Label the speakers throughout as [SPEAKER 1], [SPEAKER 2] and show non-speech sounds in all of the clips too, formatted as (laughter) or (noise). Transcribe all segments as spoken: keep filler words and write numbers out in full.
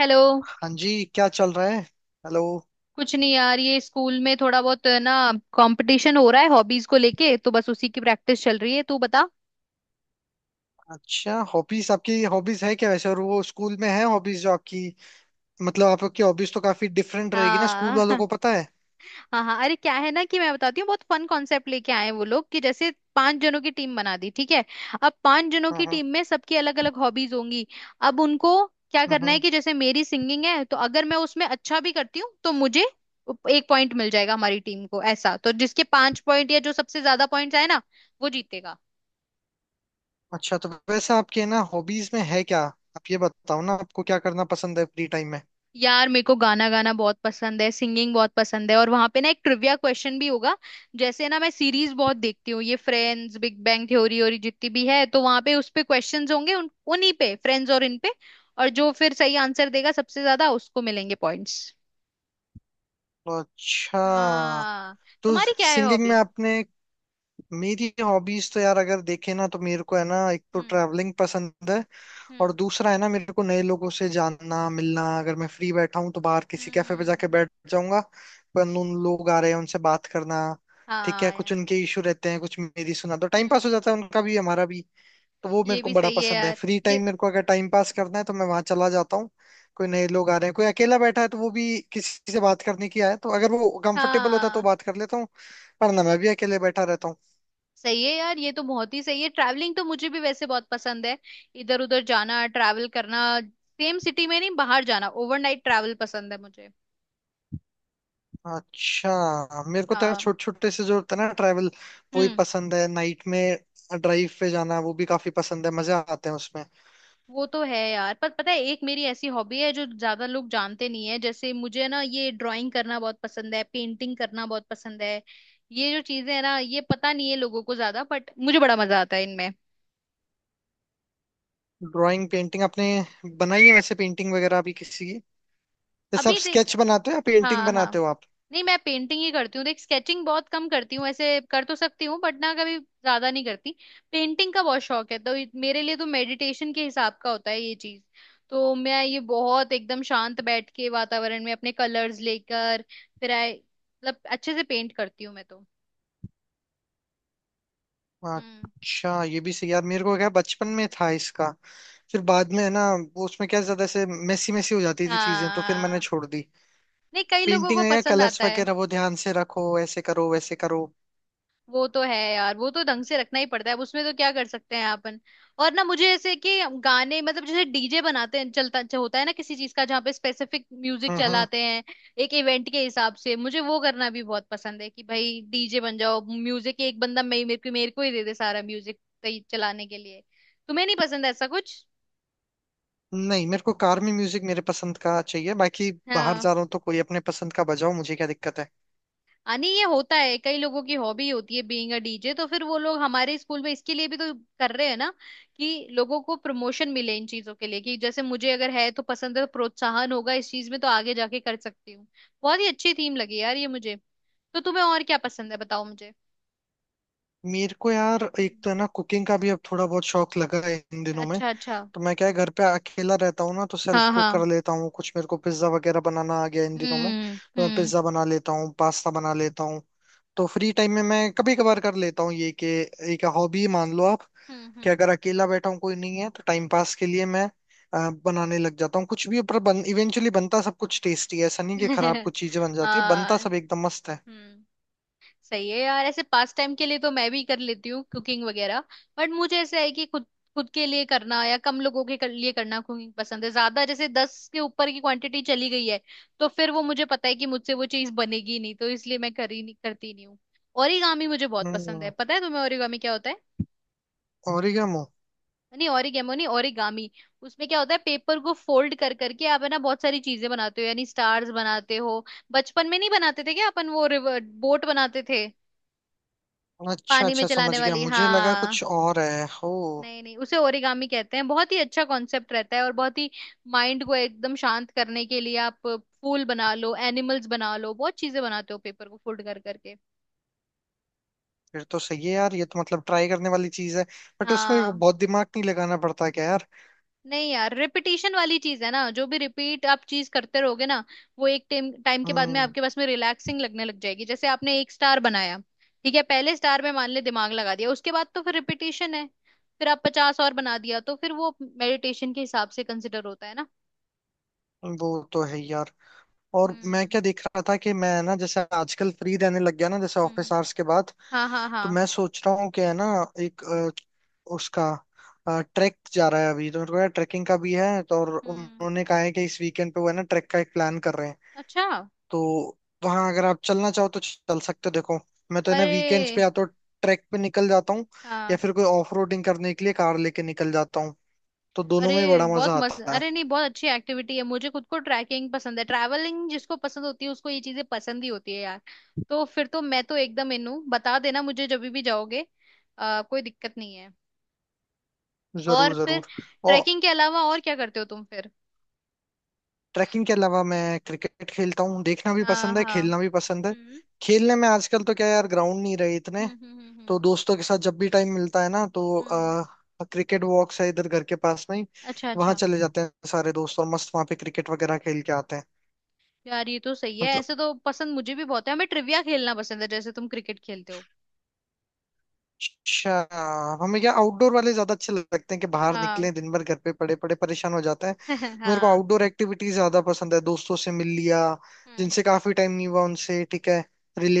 [SPEAKER 1] Hello.
[SPEAKER 2] हाँ जी, क्या चल रहा है। हेलो।
[SPEAKER 1] कुछ नहीं यार, ये स्कूल में थोड़ा बहुत ना कंपटीशन हो रहा है हॉबीज को लेके। तो बस उसी की प्रैक्टिस चल रही है। तू बता।
[SPEAKER 2] अच्छा हॉबीज, आपकी हॉबीज है क्या वैसे? और वो स्कूल में है हॉबीज जो आपकी? मतलब आपकी हॉबीज तो काफी डिफरेंट रहेगी ना, स्कूल
[SPEAKER 1] हाँ।
[SPEAKER 2] वालों को
[SPEAKER 1] (laughs)
[SPEAKER 2] पता है?
[SPEAKER 1] हाँ हाँ, अरे क्या है ना कि मैं बताती हूँ, बहुत फन कॉन्सेप्ट लेके आए हैं वो लोग। कि जैसे पांच जनों की टीम बना दी, ठीक है। अब पांच जनों
[SPEAKER 2] हाँ
[SPEAKER 1] की
[SPEAKER 2] हाँ
[SPEAKER 1] टीम में सबकी अलग अलग हॉबीज होंगी। अब उनको क्या
[SPEAKER 2] हाँ
[SPEAKER 1] करना है
[SPEAKER 2] हाँ।
[SPEAKER 1] कि जैसे मेरी सिंगिंग है, तो अगर मैं उसमें अच्छा भी करती हूँ तो मुझे एक पॉइंट मिल जाएगा हमारी टीम को, ऐसा। तो जिसके पांच पॉइंट या जो सबसे ज्यादा पॉइंट्स आए ना, वो जीतेगा।
[SPEAKER 2] अच्छा, तो वैसे आपके ना हॉबीज में है क्या? आप ये बताओ ना, आपको क्या करना पसंद है फ्री टाइम में?
[SPEAKER 1] यार मेरे को गाना गाना बहुत पसंद है, सिंगिंग बहुत पसंद है। और वहां पे ना एक ट्रिविया क्वेश्चन भी होगा। जैसे ना मैं सीरीज बहुत देखती हूँ, ये फ्रेंड्स, बिग बैंग थ्योरी और ये जितनी भी है। तो वहां पे उस पे क्वेश्चंस होंगे, उन उन्हीं पे, फ्रेंड्स और इन पे। और जो फिर सही आंसर देगा सबसे ज्यादा उसको मिलेंगे पॉइंट्स।
[SPEAKER 2] अच्छा,
[SPEAKER 1] हाँ।
[SPEAKER 2] तो
[SPEAKER 1] तुम्हारी क्या है
[SPEAKER 2] सिंगिंग में
[SPEAKER 1] हॉबी?
[SPEAKER 2] आपने। मेरी हॉबीज तो यार अगर देखे ना, तो मेरे को है ना, एक तो
[SPEAKER 1] हम्म।
[SPEAKER 2] ट्रैवलिंग पसंद है। और
[SPEAKER 1] हम्म।
[SPEAKER 2] दूसरा है ना, मेरे को नए लोगों से जानना मिलना। अगर मैं फ्री बैठा हूँ तो बाहर किसी कैफे पे जाके
[SPEAKER 1] हम्म।
[SPEAKER 2] बैठ जाऊंगा। पर उन लोग आ रहे हैं उनसे बात करना। ठीक है,
[SPEAKER 1] हाँ
[SPEAKER 2] कुछ
[SPEAKER 1] यार।
[SPEAKER 2] उनके इशू रहते हैं, कुछ मेरी सुना, तो टाइम पास
[SPEAKER 1] हम्म।
[SPEAKER 2] हो जाता है उनका भी हमारा भी। तो वो
[SPEAKER 1] ये
[SPEAKER 2] मेरे को
[SPEAKER 1] भी
[SPEAKER 2] बड़ा
[SPEAKER 1] सही है
[SPEAKER 2] पसंद है।
[SPEAKER 1] यार,
[SPEAKER 2] फ्री
[SPEAKER 1] ये।
[SPEAKER 2] टाइम मेरे को अगर टाइम पास करना है तो मैं वहां चला जाता हूँ। कोई नए लोग आ रहे हैं, कोई अकेला बैठा है तो वो भी किसी से बात करने की आया है, तो अगर वो कंफर्टेबल होता है तो
[SPEAKER 1] हाँ।
[SPEAKER 2] बात कर लेता हूँ। पर ना, मैं भी अकेले बैठा रहता हूँ।
[SPEAKER 1] सही है यार, ये तो बहुत ही सही है। ट्रैवलिंग तो मुझे भी वैसे बहुत पसंद है। इधर उधर जाना, ट्रैवल करना, सेम सिटी में नहीं, बाहर जाना, ओवरनाइट ट्रैवल पसंद है मुझे।
[SPEAKER 2] अच्छा। मेरे को तो यार
[SPEAKER 1] हाँ।
[SPEAKER 2] छोटे छोटे से जो होता है ना ट्रैवल, वो ही
[SPEAKER 1] हम्म।
[SPEAKER 2] पसंद है। नाइट में ड्राइव पे जाना, वो भी काफी पसंद है, मजा आते हैं उसमें।
[SPEAKER 1] वो तो है यार, पर पता है, एक मेरी ऐसी हॉबी है जो ज्यादा लोग जानते नहीं है। जैसे मुझे ना ये ड्राइंग करना बहुत पसंद है, पेंटिंग करना बहुत पसंद है। ये जो चीजें है ना, ये पता नहीं है लोगों को ज्यादा, बट मुझे बड़ा मजा आता है इनमें।
[SPEAKER 2] ड्राइंग पेंटिंग आपने बनाई है वैसे? पेंटिंग वगैरह भी किसी की? जैसे आप
[SPEAKER 1] अभी देख।
[SPEAKER 2] स्केच बनाते हो या पेंटिंग
[SPEAKER 1] हाँ हाँ।
[SPEAKER 2] बनाते हो आप?
[SPEAKER 1] नहीं, मैं पेंटिंग ही करती हूँ देख, स्केचिंग बहुत कम करती हूँ। ऐसे कर तो सकती हूँ बट ना कभी ज्यादा नहीं करती। पेंटिंग का बहुत शौक है, तो ये- मेरे लिए तो मेडिटेशन के हिसाब का होता है ये चीज। तो मैं ये बहुत एकदम शांत बैठ के वातावरण में अपने कलर्स लेकर फिर आए, मतलब अच्छे से पेंट करती हूँ मैं तो। हम्म।
[SPEAKER 2] अच्छा ये भी सही यार। मेरे को क्या, बचपन में था इसका, फिर बाद में है ना, वो उसमें क्या ज्यादा ऐसे मेसी मेसी हो जाती थी चीजें तो फिर मैंने
[SPEAKER 1] हाँ।
[SPEAKER 2] छोड़ दी।
[SPEAKER 1] नहीं, कई लोगों
[SPEAKER 2] पेंटिंग
[SPEAKER 1] को
[SPEAKER 2] में क्या,
[SPEAKER 1] पसंद
[SPEAKER 2] कलर्स
[SPEAKER 1] आता है।
[SPEAKER 2] वगैरह वो ध्यान से रखो, ऐसे करो वैसे करो।
[SPEAKER 1] वो तो है यार, वो तो ढंग से रखना ही पड़ता है अब, उसमें तो क्या कर सकते हैं अपन। और ना मुझे ऐसे कि गाने मतलब, जैसे डीजे बनाते हैं, चलता जो होता है ना किसी चीज का, जहाँ पे स्पेसिफिक म्यूजिक
[SPEAKER 2] हम्म हम्म।
[SPEAKER 1] चलाते हैं एक इवेंट के हिसाब से, मुझे वो करना भी बहुत पसंद है कि भाई डीजे बन जाओ, म्यूजिक एक बंदा मे मेरे को मेरे को ही दे दे सारा म्यूजिक चलाने के लिए। तुम्हें नहीं पसंद ऐसा कुछ?
[SPEAKER 2] नहीं, मेरे को कार में म्यूजिक मेरे पसंद का चाहिए। बाकी बाहर
[SPEAKER 1] हाँ।
[SPEAKER 2] जा रहा हूँ तो कोई अपने पसंद का बजाओ, मुझे क्या दिक्कत है।
[SPEAKER 1] हाँ, नहीं ये होता है, कई लोगों की हॉबी होती है बीइंग अ डीजे। तो फिर वो लोग हमारे स्कूल में इसके लिए भी तो कर रहे हैं ना, कि लोगों को प्रमोशन मिले इन चीजों के लिए। कि जैसे मुझे अगर है तो पसंद है, तो प्रोत्साहन होगा इस चीज में, तो आगे जाके कर सकती हूँ। बहुत ही अच्छी थीम लगी यार ये मुझे। तो तुम्हें और क्या पसंद है बताओ मुझे?
[SPEAKER 2] मेरे को यार एक
[SPEAKER 1] हम्म।
[SPEAKER 2] तो है ना कुकिंग का भी अब थोड़ा बहुत शौक लगा है इन दिनों में।
[SPEAKER 1] अच्छा अच्छा।
[SPEAKER 2] तो मैं क्या है, घर पे अकेला रहता हूँ ना तो सेल्फ
[SPEAKER 1] हाँ
[SPEAKER 2] कुक
[SPEAKER 1] हाँ।
[SPEAKER 2] कर लेता हूँ कुछ। मेरे को पिज्जा वगैरह बनाना आ गया इन दिनों में,
[SPEAKER 1] हम्म
[SPEAKER 2] तो मैं
[SPEAKER 1] हम्म
[SPEAKER 2] पिज्जा बना लेता हूँ, पास्ता बना लेता हूँ। तो फ्री टाइम में मैं कभी कभार कर लेता हूँ ये कि, एक हॉबी मान लो आप कि
[SPEAKER 1] हम्म
[SPEAKER 2] अगर अकेला बैठा हूँ, कोई नहीं है तो टाइम पास के लिए मैं अ, बनाने लग जाता हूँ कुछ भी। पर बन, इवेंचुअली बनता सब कुछ टेस्टी है, ऐसा
[SPEAKER 1] हम्म।
[SPEAKER 2] नहीं कि खराब
[SPEAKER 1] (laughs)
[SPEAKER 2] कुछ चीजें बन जाती है, बनता
[SPEAKER 1] हाँ।
[SPEAKER 2] सब एकदम मस्त है।
[SPEAKER 1] हम्म। सही है यार, ऐसे पास टाइम के लिए तो मैं भी कर लेती हूँ कुकिंग वगैरह। बट मुझे ऐसा है कि खुद खुद के लिए करना या कम लोगों के कर, लिए करना कुकिंग पसंद है ज्यादा। जैसे दस के ऊपर की क्वांटिटी चली गई है, तो फिर वो मुझे पता है कि मुझसे वो चीज बनेगी नहीं, तो इसलिए मैं कर ही नहीं करती नहीं हूँ। ओरिगामी मुझे बहुत पसंद है।
[SPEAKER 2] हम्म।
[SPEAKER 1] पता है तुम्हें ओरिगामी क्या होता है?
[SPEAKER 2] ओरिगेमो?
[SPEAKER 1] नहीं, ओरिगेमो नहीं, ओरिगामी। उसमें क्या होता है, पेपर को फोल्ड कर करके आप है ना बहुत सारी चीजें बनाते हो, यानी स्टार्स बनाते हो। बचपन में नहीं बनाते थे क्या अपन, वो रिवर बोट बनाते थे
[SPEAKER 2] अच्छा
[SPEAKER 1] पानी में
[SPEAKER 2] अच्छा,
[SPEAKER 1] चलाने
[SPEAKER 2] समझ गया।
[SPEAKER 1] वाली?
[SPEAKER 2] मुझे लगा
[SPEAKER 1] हाँ।
[SPEAKER 2] कुछ और है हो।
[SPEAKER 1] नहीं नहीं, उसे ओरिगामी कहते हैं। बहुत ही अच्छा कॉन्सेप्ट रहता है। और बहुत ही माइंड को एकदम शांत करने के लिए, आप फूल बना लो, एनिमल्स बना लो, बहुत चीजें बनाते हो पेपर को फोल्ड कर करके।
[SPEAKER 2] फिर तो सही है यार, ये तो मतलब ट्राई करने वाली चीज है। बट उसमें वो
[SPEAKER 1] हाँ।
[SPEAKER 2] बहुत दिमाग नहीं लगाना पड़ता क्या यार?
[SPEAKER 1] नहीं यार, रिपीटिशन वाली चीज है ना, जो भी रिपीट आप चीज करते रहोगे ना, वो एक टाइम टाइम के बाद में
[SPEAKER 2] हम्म।
[SPEAKER 1] आपके पास में रिलैक्सिंग लगने लग जाएगी। जैसे आपने एक स्टार बनाया, ठीक है, पहले स्टार में मान ले दिमाग लगा दिया, उसके बाद तो फिर रिपीटिशन है। फिर आप पचास और बना दिया, तो फिर वो मेडिटेशन के हिसाब से कंसिडर होता है ना।
[SPEAKER 2] वो तो है ही यार। और मैं
[SPEAKER 1] हम्म
[SPEAKER 2] क्या देख रहा था कि मैं ना जैसे आजकल फ्री रहने लग गया ना जैसे ऑफिस
[SPEAKER 1] हम्म।
[SPEAKER 2] आवर्स के बाद।
[SPEAKER 1] हाँ हाँ
[SPEAKER 2] तो
[SPEAKER 1] हाँ।
[SPEAKER 2] मैं सोच रहा हूँ कि है ना एक अ, उसका ट्रैक जा रहा है अभी तो, मेरे को ट्रैकिंग का भी है तो, और
[SPEAKER 1] हम्म।
[SPEAKER 2] उन्होंने कहा है कि इस वीकेंड पे वो है ना ट्रैक का एक प्लान कर रहे हैं।
[SPEAKER 1] अच्छा।
[SPEAKER 2] तो वहाँ अगर आप चलना चाहो तो चल सकते हो, देखो। मैं तो है ना वीकेंड्स पे
[SPEAKER 1] अरे
[SPEAKER 2] या तो ट्रैक पे निकल जाता हूँ, या
[SPEAKER 1] हाँ।
[SPEAKER 2] फिर कोई ऑफ रोडिंग करने के लिए कार लेके निकल जाता हूँ। तो दोनों
[SPEAKER 1] अरे
[SPEAKER 2] में बड़ा
[SPEAKER 1] बहुत
[SPEAKER 2] मजा
[SPEAKER 1] मस्त,
[SPEAKER 2] आता है।
[SPEAKER 1] अरे नहीं बहुत अच्छी एक्टिविटी है। मुझे खुद को ट्रैकिंग पसंद है। ट्रैवलिंग जिसको पसंद होती है उसको ये चीजें पसंद ही होती है यार। तो फिर तो मैं तो एकदम इन हूँ, बता देना मुझे जब भी जाओगे। आ, कोई दिक्कत नहीं है। और
[SPEAKER 2] जरूर
[SPEAKER 1] फिर
[SPEAKER 2] जरूर। और
[SPEAKER 1] ट्रैकिंग के अलावा और क्या करते हो तुम फिर?
[SPEAKER 2] ट्रैकिंग के अलावा मैं क्रिकेट खेलता हूँ, देखना भी
[SPEAKER 1] हाँ
[SPEAKER 2] पसंद है
[SPEAKER 1] हाँ।
[SPEAKER 2] खेलना भी पसंद है।
[SPEAKER 1] हम्म
[SPEAKER 2] खेलने में आजकल तो क्या यार, ग्राउंड नहीं रहे इतने।
[SPEAKER 1] हम्म हम्म हम्म। हम्म
[SPEAKER 2] तो दोस्तों के साथ जब भी टाइम मिलता है ना, तो
[SPEAKER 1] हम्म।
[SPEAKER 2] आ, क्रिकेट वॉक्स है इधर घर के पास में ही।
[SPEAKER 1] अच्छा
[SPEAKER 2] वहां
[SPEAKER 1] अच्छा।
[SPEAKER 2] चले जाते हैं सारे दोस्त और मस्त वहां पे क्रिकेट वगैरह खेल के आते हैं।
[SPEAKER 1] यार ये तो सही है,
[SPEAKER 2] मतलब।
[SPEAKER 1] ऐसे तो पसंद मुझे भी बहुत है। हमें ट्रिविया खेलना पसंद है, जैसे तुम क्रिकेट खेलते हो।
[SPEAKER 2] अच्छा। हमें क्या आउटडोर वाले ज्यादा अच्छे लगते हैं कि बाहर
[SPEAKER 1] हाँ।
[SPEAKER 2] निकलें, दिन भर घर पे पड़े पड़े परेशान हो जाते हैं।
[SPEAKER 1] (laughs)
[SPEAKER 2] मेरे को
[SPEAKER 1] हाँ।
[SPEAKER 2] आउटडोर एक्टिविटीज ज्यादा पसंद है, दोस्तों से मिल लिया
[SPEAKER 1] हम्म
[SPEAKER 2] जिनसे काफी टाइम नहीं हुआ उनसे। ठीक है,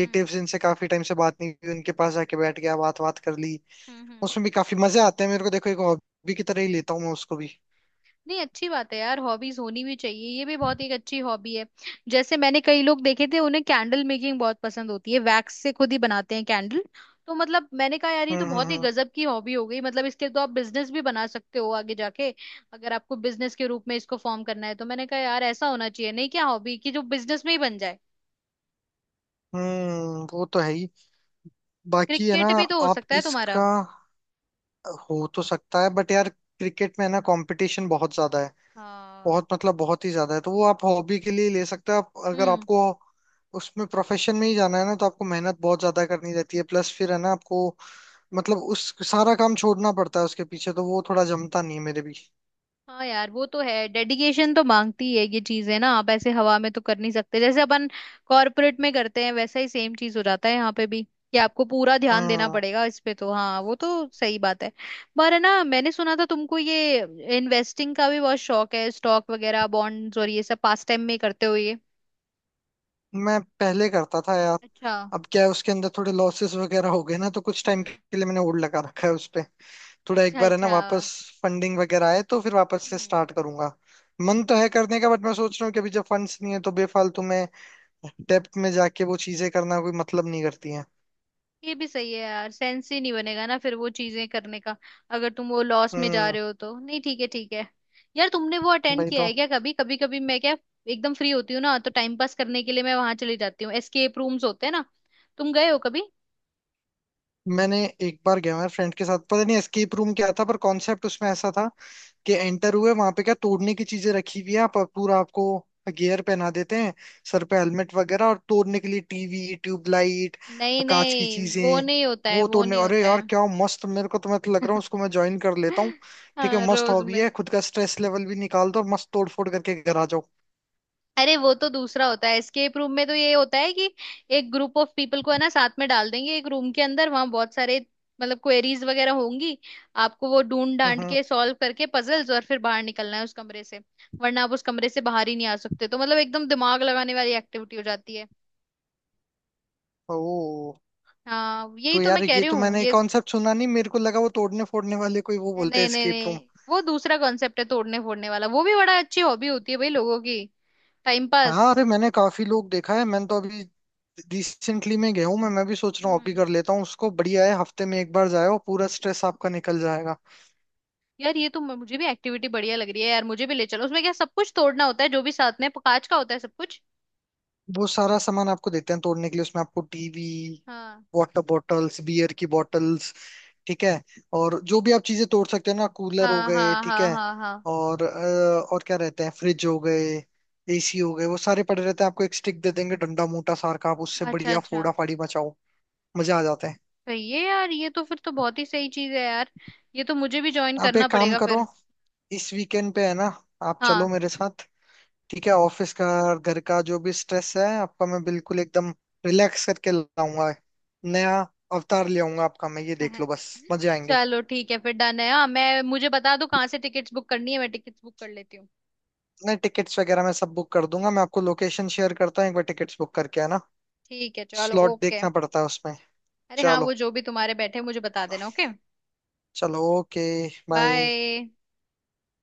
[SPEAKER 1] हम्म
[SPEAKER 2] जिनसे काफी टाइम से बात नहीं हुई उनके पास जाके बैठ गया, बात बात कर ली।
[SPEAKER 1] हम्म हम्म।
[SPEAKER 2] उसमें भी काफी मजे आते हैं। मेरे को देखो, एक हॉबी की तरह ही लेता हूँ मैं उसको भी।
[SPEAKER 1] नहीं अच्छी बात है यार, हॉबीज होनी भी चाहिए, ये भी बहुत एक अच्छी हॉबी है। जैसे मैंने कई लोग देखे थे उन्हें कैंडल मेकिंग बहुत पसंद होती है, वैक्स से खुद ही बनाते हैं कैंडल। तो मतलब मैंने कहा यार, ये तो
[SPEAKER 2] हम्म हम्म
[SPEAKER 1] बहुत ही
[SPEAKER 2] हम्म
[SPEAKER 1] गजब की हॉबी हो गई, मतलब इसके तो आप बिजनेस भी बना सकते हो आगे जाके, अगर आपको बिजनेस के रूप में इसको फॉर्म करना है। तो मैंने कहा यार ऐसा होना चाहिए नहीं क्या हॉबी, कि जो बिजनेस में ही बन जाए।
[SPEAKER 2] हम्म, वो तो है ही। बाकी है ना
[SPEAKER 1] क्रिकेट भी तो हो
[SPEAKER 2] आप
[SPEAKER 1] सकता है तुम्हारा।
[SPEAKER 2] इसका, हो तो सकता है बट यार क्रिकेट में है ना कंपटीशन बहुत ज्यादा है।
[SPEAKER 1] हाँ।
[SPEAKER 2] बहुत मतलब बहुत ही ज्यादा है, तो वो आप हॉबी के लिए ले सकते हो। आप अगर
[SPEAKER 1] हम्म।
[SPEAKER 2] आपको उसमें प्रोफेशन में ही जाना है ना, तो आपको मेहनत बहुत ज्यादा करनी रहती है। प्लस फिर है ना आपको, मतलब उस सारा काम छोड़ना पड़ता है उसके पीछे, तो वो थोड़ा जमता नहीं है मेरे भी।
[SPEAKER 1] हाँ यार वो तो है, डेडिकेशन तो मांगती है ये चीजें ना, आप ऐसे हवा में तो कर नहीं सकते। जैसे अपन कॉर्पोरेट में करते हैं वैसा ही सेम चीज हो जाता है यहाँ पे भी, कि आपको पूरा ध्यान देना
[SPEAKER 2] हम्म।
[SPEAKER 1] पड़ेगा इस पे। तो हाँ वो तो सही बात है। पर है ना मैंने सुना था तुमको ये इन्वेस्टिंग का भी बहुत शौक है, स्टॉक वगैरह, बॉन्ड्स और ये सब पास टाइम में करते हो ये?
[SPEAKER 2] मैं पहले करता था यार।
[SPEAKER 1] अच्छा।
[SPEAKER 2] अब क्या है, उसके अंदर थोड़े लॉसेस वगैरह हो गए ना तो कुछ
[SPEAKER 1] हम्म।
[SPEAKER 2] टाइम के लिए मैंने होल्ड लगा रखा है उस पे। थोड़ा एक
[SPEAKER 1] अच्छा
[SPEAKER 2] बार है ना
[SPEAKER 1] अच्छा।
[SPEAKER 2] वापस फंडिंग वगैरह आए तो फिर वापस से
[SPEAKER 1] हम्म।
[SPEAKER 2] स्टार्ट करूंगा। मन तो है करने का, बट मैं सोच रहा हूँ कि अभी जब फंड्स नहीं है तो बेफालतू में डेप्थ में जाके वो चीजें करना कोई मतलब नहीं करती हैं।
[SPEAKER 1] ये भी सही है यार, सेंस ही नहीं बनेगा ना फिर वो चीजें करने का, अगर तुम वो लॉस में जा
[SPEAKER 2] हम्म।
[SPEAKER 1] रहे हो तो। नहीं, ठीक है ठीक है। यार तुमने वो अटेंड
[SPEAKER 2] भाई
[SPEAKER 1] किया
[SPEAKER 2] तो।
[SPEAKER 1] है क्या कभी? कभी कभी मैं क्या एकदम फ्री होती हूँ ना तो टाइम पास करने के लिए मैं वहां चली जाती हूँ। एस्केप रूम्स होते हैं ना, तुम गए हो कभी?
[SPEAKER 2] मैंने एक बार गया मैं फ्रेंड के साथ, पता नहीं एस्केप रूम क्या था। पर कॉन्सेप्ट उसमें ऐसा था कि एंटर हुए वहां पे, क्या तोड़ने की चीजें रखी हुई है आप पूरा, आपको गियर पहना देते हैं, सर पे हेलमेट वगैरह और तोड़ने के लिए टीवी, ट्यूबलाइट,
[SPEAKER 1] नहीं
[SPEAKER 2] कांच की
[SPEAKER 1] नहीं, वो
[SPEAKER 2] चीजें
[SPEAKER 1] नहीं होता है,
[SPEAKER 2] वो
[SPEAKER 1] वो
[SPEAKER 2] तोड़ने।
[SPEAKER 1] नहीं
[SPEAKER 2] अरे
[SPEAKER 1] होता है।
[SPEAKER 2] यार क्या मस्त, मेरे को तो मैं तो लग रहा हूँ उसको
[SPEAKER 1] (laughs)
[SPEAKER 2] मैं ज्वाइन कर लेता हूँ। ठीक है,
[SPEAKER 1] हाँ
[SPEAKER 2] मस्त
[SPEAKER 1] रोज
[SPEAKER 2] हॉबी
[SPEAKER 1] में।
[SPEAKER 2] है, खुद का स्ट्रेस लेवल भी निकाल दो और मस्त तोड़ फोड़ करके घर आ जाओ।
[SPEAKER 1] अरे वो तो दूसरा होता है। एस्केप रूम में तो ये होता है कि एक ग्रुप ऑफ पीपल को है ना साथ में डाल देंगे एक रूम के अंदर, वहां बहुत सारे मतलब क्वेरीज वगैरह होंगी, आपको वो ढूंढ डांट
[SPEAKER 2] हम्म।
[SPEAKER 1] के सॉल्व करके पजल्स, और फिर बाहर निकलना है उस कमरे से। वरना आप उस कमरे से बाहर ही नहीं आ सकते। तो मतलब एकदम दिमाग लगाने वाली एक्टिविटी हो जाती है।
[SPEAKER 2] ओ,
[SPEAKER 1] हाँ यही
[SPEAKER 2] तो
[SPEAKER 1] तो मैं
[SPEAKER 2] यार
[SPEAKER 1] कह
[SPEAKER 2] ये
[SPEAKER 1] रही
[SPEAKER 2] तो
[SPEAKER 1] हूँ
[SPEAKER 2] मैंने
[SPEAKER 1] ये।
[SPEAKER 2] कॉन्सेप्ट सुना नहीं। मेरे को लगा वो तोड़ने फोड़ने वाले कोई वो बोलते हैं
[SPEAKER 1] नहीं नहीं
[SPEAKER 2] एस्केप रूम।
[SPEAKER 1] नहीं, वो दूसरा कॉन्सेप्ट है तोड़ने फोड़ने वाला, वो भी बड़ा अच्छी हॉबी होती है भाई लोगों की, टाइम पास।
[SPEAKER 2] हाँ, अरे मैंने काफी लोग देखा है। मैंने तो अभी रिसेंटली में गया हूँ। मैं मैं भी सोच रहा हूँ अभी
[SPEAKER 1] हम्म।
[SPEAKER 2] कर लेता हूँ उसको, बढ़िया है, हफ्ते में एक बार जाओ पूरा स्ट्रेस आपका निकल जाएगा।
[SPEAKER 1] यार ये तो म- मुझे भी एक्टिविटी बढ़िया लग रही है, यार मुझे भी ले चलो। उसमें क्या सब कुछ तोड़ना होता है जो भी साथ में कांच का होता है सब कुछ?
[SPEAKER 2] वो सारा सामान आपको देते हैं तोड़ने के लिए उसमें, आपको टीवी,
[SPEAKER 1] हाँ
[SPEAKER 2] वाटर बॉटल्स, बियर की बॉटल्स, ठीक है, और जो भी आप चीजें तोड़ सकते हो ना, कूलर हो
[SPEAKER 1] हाँ
[SPEAKER 2] गए,
[SPEAKER 1] हाँ
[SPEAKER 2] ठीक
[SPEAKER 1] हाँ
[SPEAKER 2] है,
[SPEAKER 1] हाँ। हाँ।
[SPEAKER 2] और अ, और क्या रहते हैं, फ्रिज हो गए, एसी हो गए, वो सारे पड़े रहते हैं। आपको एक स्टिक दे देंगे, डंडा मोटा सार का, आप उससे
[SPEAKER 1] अच्छा
[SPEAKER 2] बढ़िया
[SPEAKER 1] अच्छा।
[SPEAKER 2] फोड़ा फाड़ी मचाओ। मजा आ जाता है।
[SPEAKER 1] सही है यार, ये तो फिर तो बहुत ही सही चीज है यार। ये तो मुझे भी ज्वाइन
[SPEAKER 2] आप
[SPEAKER 1] करना
[SPEAKER 2] एक काम
[SPEAKER 1] पड़ेगा
[SPEAKER 2] करो,
[SPEAKER 1] फिर।
[SPEAKER 2] इस वीकेंड पे है ना आप चलो
[SPEAKER 1] हाँ।
[SPEAKER 2] मेरे साथ। ठीक है, ऑफिस का और घर का जो भी स्ट्रेस है आपका, मैं बिल्कुल एकदम रिलैक्स करके लाऊंगा। नया अवतार ले आऊंगा आपका मैं, ये देख लो
[SPEAKER 1] (laughs)
[SPEAKER 2] बस। मजे आएंगे।
[SPEAKER 1] चलो ठीक है फिर, डन है। हाँ, मैं मुझे बता दो कहाँ से टिकट्स बुक करनी है, मैं टिकट्स बुक कर लेती हूँ।
[SPEAKER 2] नहीं, टिकट्स वगैरह मैं सब बुक कर दूंगा। मैं आपको लोकेशन शेयर करता हूँ एक बार टिकट्स बुक करके, है ना,
[SPEAKER 1] ठीक है चलो
[SPEAKER 2] स्लॉट
[SPEAKER 1] ओके।
[SPEAKER 2] देखना पड़ता है उसमें।
[SPEAKER 1] अरे हाँ, वो
[SPEAKER 2] चलो।
[SPEAKER 1] जो भी तुम्हारे बैठे मुझे बता देना। ओके।
[SPEAKER 2] चलो, ओके। बाय।
[SPEAKER 1] बाय।